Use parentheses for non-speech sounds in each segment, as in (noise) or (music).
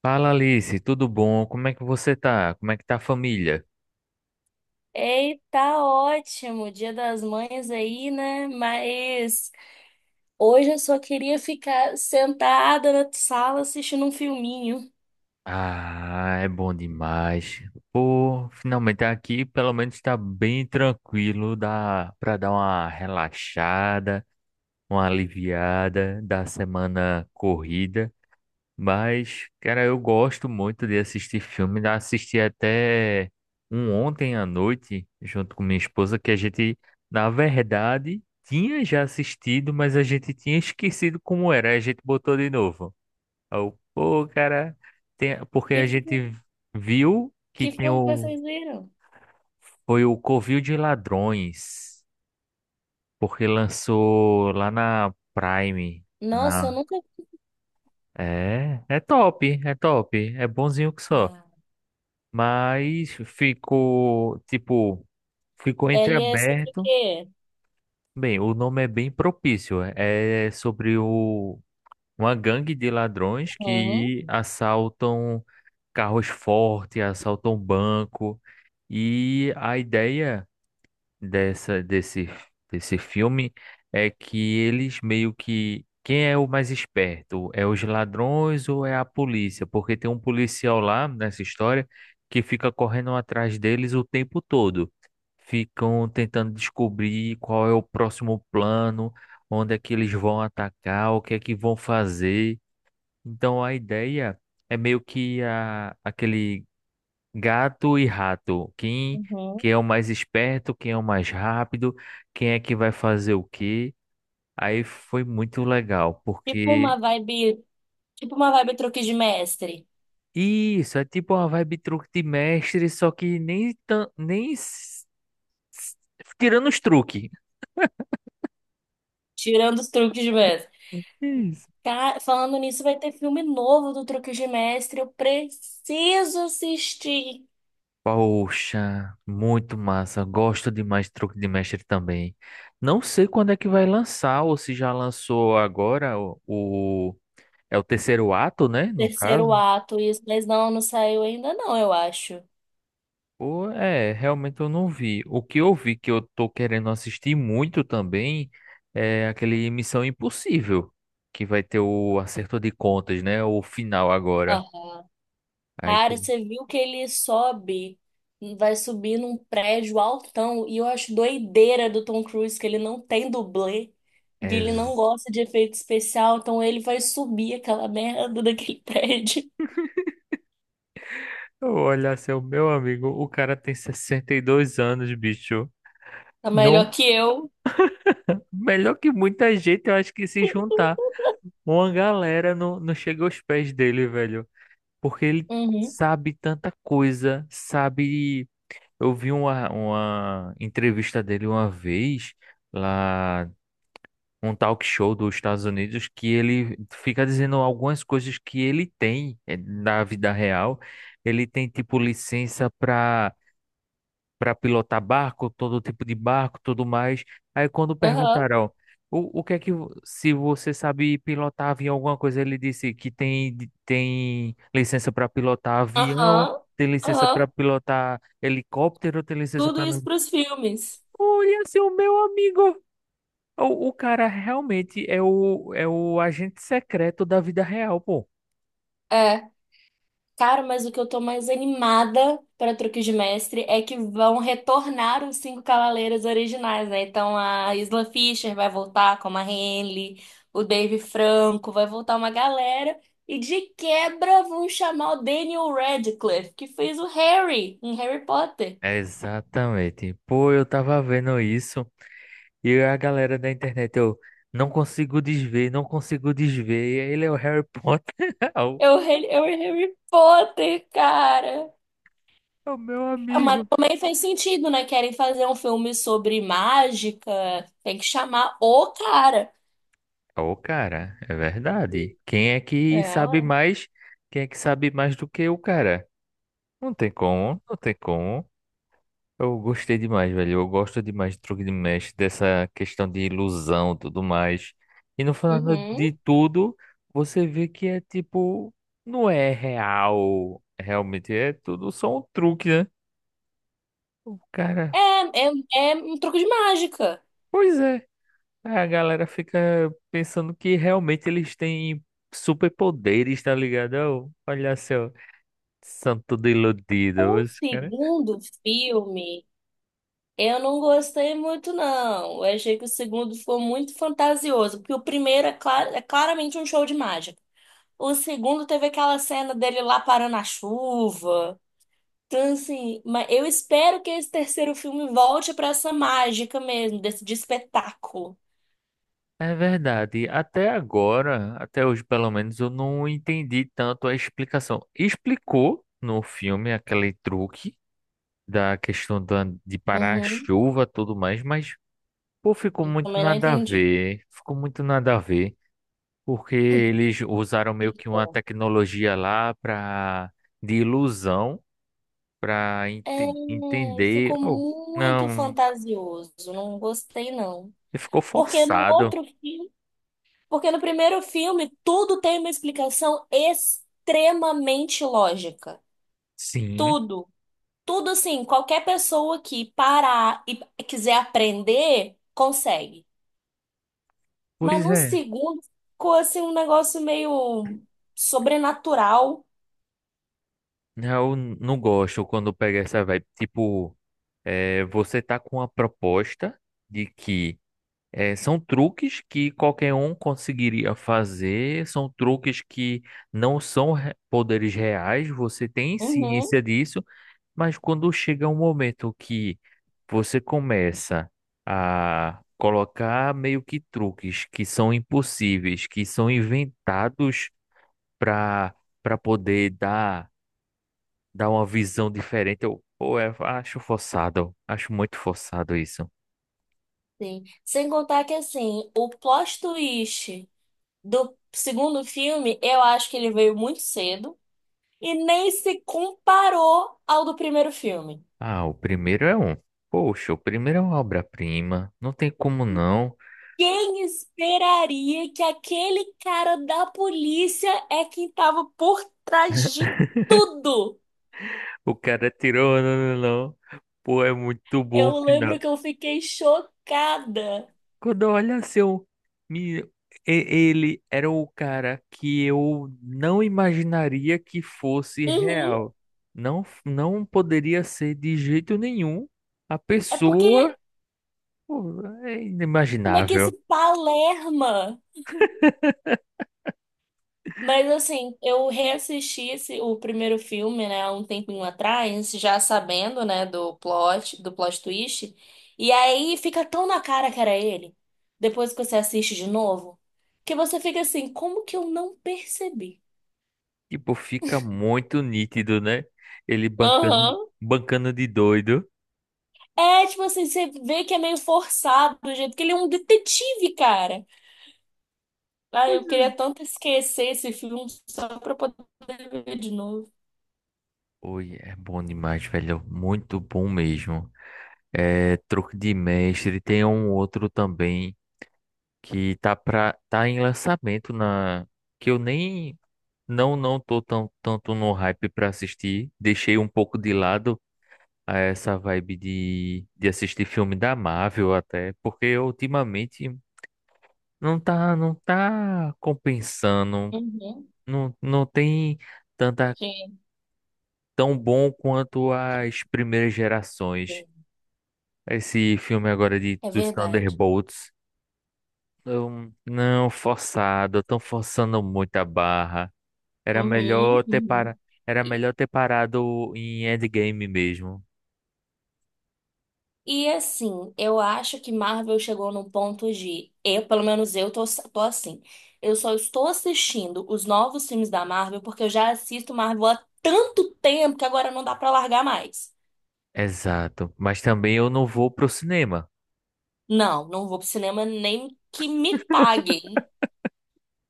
Fala Alice, tudo bom? Como é que você tá? Como é que tá a família? Ei, tá ótimo, Dia das Mães aí, né? Mas hoje eu só queria ficar sentada na sala assistindo um filminho. Ah, é bom demais. Pô, finalmente aqui pelo menos tá bem tranquilo, dá pra dar uma relaxada, uma aliviada da semana corrida. Mas, cara, eu gosto muito de assistir filme. Já assisti até um ontem à noite, junto com minha esposa, que a gente, na verdade, tinha já assistido, mas a gente tinha esquecido como era. Aí a gente botou de novo. Aí eu, pô, cara, porque Que, a fi- gente viu que que tem filme que o. vocês viram? Foi o Covil de Ladrões, porque lançou lá na Prime. Nossa, eu Na... nunca. é top, é top, é bonzinho que só. Ah, Mas ficou ele é sobre o entreaberto. quê? Bem, o nome é bem propício. É sobre uma gangue de ladrões Uhum, que assaltam carros fortes, assaltam banco. E a ideia dessa desse desse filme é que eles meio que quem é o mais esperto? É os ladrões ou é a polícia? Porque tem um policial lá nessa história que fica correndo atrás deles o tempo todo. Ficam tentando descobrir qual é o próximo plano, onde é que eles vão atacar, o que é que vão fazer. Então a ideia é meio que aquele gato e rato. Quem, uhum. quem é o mais esperto, quem é o mais rápido, quem é que vai fazer o quê? Aí foi muito legal, Tipo porque uma vibe, tipo uma vibe truque de mestre, isso é tipo uma vibe truque de mestre, só que nem tão, nem s- s- tirando os truques. tirando os truques de mestre. Isso. Falando nisso, vai ter filme novo do Truque de Mestre. Eu preciso assistir. Poxa, muito massa. Gosto demais de truque de mestre também. Não sei quando é que vai lançar, ou se já lançou agora é o terceiro ato, né? No Terceiro caso. ato, isso, mas não saiu ainda não, eu acho. Pô, é, realmente eu não vi. O que eu vi que eu tô querendo assistir muito também é aquele Missão Impossível, que vai ter o acerto de contas, né? O final agora. Aham. Aí que. Cara, você viu que ele sobe, vai subir num prédio altão, e eu acho doideira do Tom Cruise que ele não tem dublê, que É... ele não z- gosta de efeito especial, então ele vai subir aquela merda daquele (laughs) prédio. Eu olhar seu meu amigo, o cara tem 62 anos, bicho. Tá Não, melhor que eu. melhor que muita gente, eu acho que se juntar, uma galera não chega aos pés dele, velho. Porque ele Uhum. sabe tanta coisa, sabe. Eu vi uma entrevista dele uma vez lá, um talk show dos Estados Unidos, que ele fica dizendo algumas coisas que ele tem na vida real. Ele tem, tipo, licença para pilotar barco, todo tipo de barco, tudo mais. Aí quando Aham. perguntaram, o que é que, se você sabe pilotar avião, alguma coisa, ele disse que tem licença para pilotar avião, Aham. tem licença para Aham. pilotar helicóptero, tem licença Tudo para. isso pros filmes. Olha, seu meu amigo. O cara realmente é o agente secreto da vida real, pô. É. Cara, mas o que eu tô mais animada para Truques de Mestre é que vão retornar os cinco cavaleiros originais, né? Então a Isla Fisher vai voltar como a Henley, o Dave Franco, vai voltar uma galera. E de quebra vão chamar o Daniel Radcliffe, que fez o Harry em Harry Potter. Exatamente. Pô, eu tava vendo isso e a galera da internet, eu não consigo desver, não consigo desver. Ele é o Harry Potter. (laughs) o É o Harry Potter, cara. É o meu Mas amigo. também faz sentido, né? Querem fazer um filme sobre mágica, tem que chamar o cara. Ô, cara, é verdade. Quem é que É, sabe ora. mais? Quem é que sabe mais do que o cara? Não tem como, não tem como. Eu gostei demais, velho. Eu gosto demais de truque de mestre, dessa questão de ilusão, tudo mais. E no final Uhum. de tudo, você vê que é tipo, não é real, realmente é tudo só um truque, né? O cara, É, é, é um truque de mágica. pois é. A galera fica pensando que realmente eles têm superpoderes, tá ligado? Ó, olha só, são tudo O iludidos. segundo filme, eu não gostei muito, não. Eu achei que o segundo ficou muito fantasioso, porque o primeiro é, é claramente um show de mágica. O segundo teve aquela cena dele lá parando a chuva. Então, assim, mas eu espero que esse terceiro filme volte pra essa mágica mesmo, desse de espetáculo. É verdade. Até agora, até hoje pelo menos, eu não entendi tanto a explicação. Explicou no filme aquele truque da questão de parar a Uhum. chuva e tudo mais, mas pô, ficou Eu muito também não nada a entendi. ver. Ficou muito nada a ver, porque eles usaram meio que uma tecnologia lá de ilusão para É, entender. ficou Oh, muito não, fantasioso, não gostei não. ficou Porque no forçado. outro filme, porque no primeiro filme tudo tem uma explicação extremamente lógica. Sim, Tudo, tudo assim, qualquer pessoa que parar e quiser aprender, consegue. Mas pois no é. segundo ficou assim um negócio meio sobrenatural. Eu não gosto quando pega essa vibe. Tipo, é, você tá com a proposta de que são truques que qualquer um conseguiria fazer, são truques que não são re- poderes reais, você tem Uhum, ciência disso, mas quando chega um momento que você começa a colocar meio que truques que são impossíveis, que são inventados para para poder dar. Dá uma visão diferente. Pô, eu acho forçado. Acho muito forçado isso. sim. Sem contar que assim, o plot twist do segundo filme, eu acho que ele veio muito cedo e nem se comparou ao do primeiro filme. Ah, o primeiro é um. Poxa, o primeiro é uma obra-prima. Não tem como não. Quem esperaria que aquele cara da polícia é quem tava por trás de tudo? O cara tirou. Não, não, não. Pô, é muito bom o Eu lembro final. que eu fiquei chocada. Quando olha assim, me, e- ele era o cara que eu não imaginaria que fosse Uhum. real. Não, não poderia ser de jeito nenhum a É porque pessoa. Pô, é como é que esse inimaginável. Palerma. Mas assim, eu reassisti esse, o primeiro filme, né, há um tempinho atrás, já sabendo, né, do plot twist, e aí fica tão na cara que era ele, depois que você assiste de novo, que você fica assim, como que eu não percebi? Tipo, fica muito nítido, né? Ele bancando, Aham. bancando de doido. É, tipo assim, você vê que é meio forçado do jeito que ele é um detetive, cara. Ah, Pois eu é. queria tanto esquecer esse filme só pra poder ver de novo. Oi, é bom demais, velho. Muito bom mesmo. É, Truque de Mestre. Tem um outro também que tá em lançamento na que eu nem não tô tão, tanto no hype pra assistir. Deixei um pouco de lado a essa vibe de assistir filme da Marvel até, porque ultimamente não tá não tá compensando Uhum. não tem tanta Sim. tão bom quanto as primeiras gerações. É Esse filme agora de é dos verdade. Thunderbolts, não forçado, estão forçando muito a barra. Era Uhum. melhor ter para, Uhum. era E, melhor ter parado em Endgame mesmo. e assim, eu acho que Marvel chegou num ponto de. Eu, pelo menos eu tô, tô assim. Eu só estou assistindo os novos filmes da Marvel porque eu já assisto Marvel há tanto tempo que agora não dá pra largar mais. Exato, mas também eu não vou pro cinema. Não vou pro cinema nem que me paguem.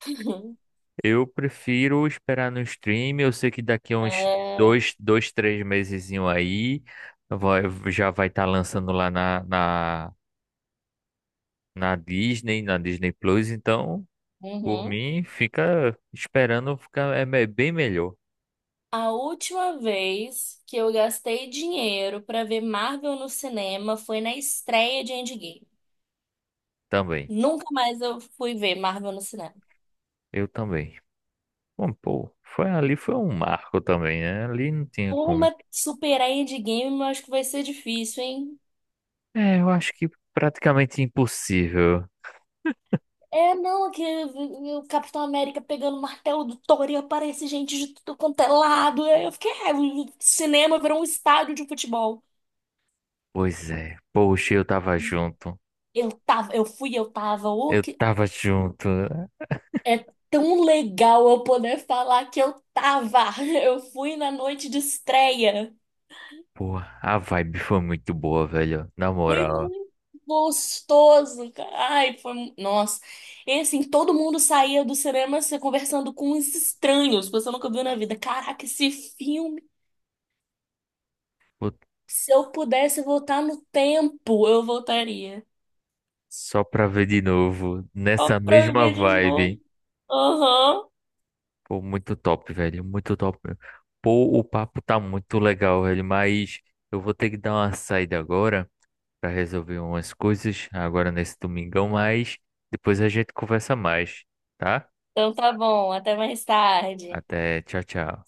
(laughs) Eu prefiro esperar no stream. Eu sei que daqui a uns É, dois, três mesezinho aí vai- já vai estar lançando lá na Disney, na Disney Plus, então, por uhum. mim, fica esperando ficar bem melhor A última vez que eu gastei dinheiro pra ver Marvel no cinema foi na estreia de Endgame. também. Nunca mais eu fui ver Marvel no cinema. Eu também. Bom, pô, foi ali foi um marco também, né? Ali não tinha como. Turma, superar Endgame, eu acho que vai ser difícil, hein? É, eu acho que praticamente impossível. É, não, é que o Capitão América pegando o martelo do Thor e aparece gente de tudo quanto é lado. Eu fiquei, é, o cinema virou um estádio de futebol. Pois é. Poxa, eu tava junto. Eu tava, eu fui, eu tava. O Eu que tava junto. é tão legal eu poder falar que eu tava. (laughs) Eu fui na noite de estreia. Pô, a vibe foi muito boa, velho. Na Foi moral. muito gostoso, cara. Nossa. E assim, todo mundo saía do cinema se conversando com uns estranhos, que você nunca viu na vida. Caraca, esse filme, Pô, se eu pudesse voltar no tempo, eu voltaria. só pra ver de novo, Só nessa pra eu mesma ver de novo. vibe. Aham. Pô, muito top, velho. Muito top mesmo. Pô, o papo tá muito legal, velho. Mas eu vou ter que dar uma saída agora pra resolver umas coisas agora nesse domingão, mas depois a gente conversa mais, tá? Então tá bom, até mais tarde. Até, tchau, tchau.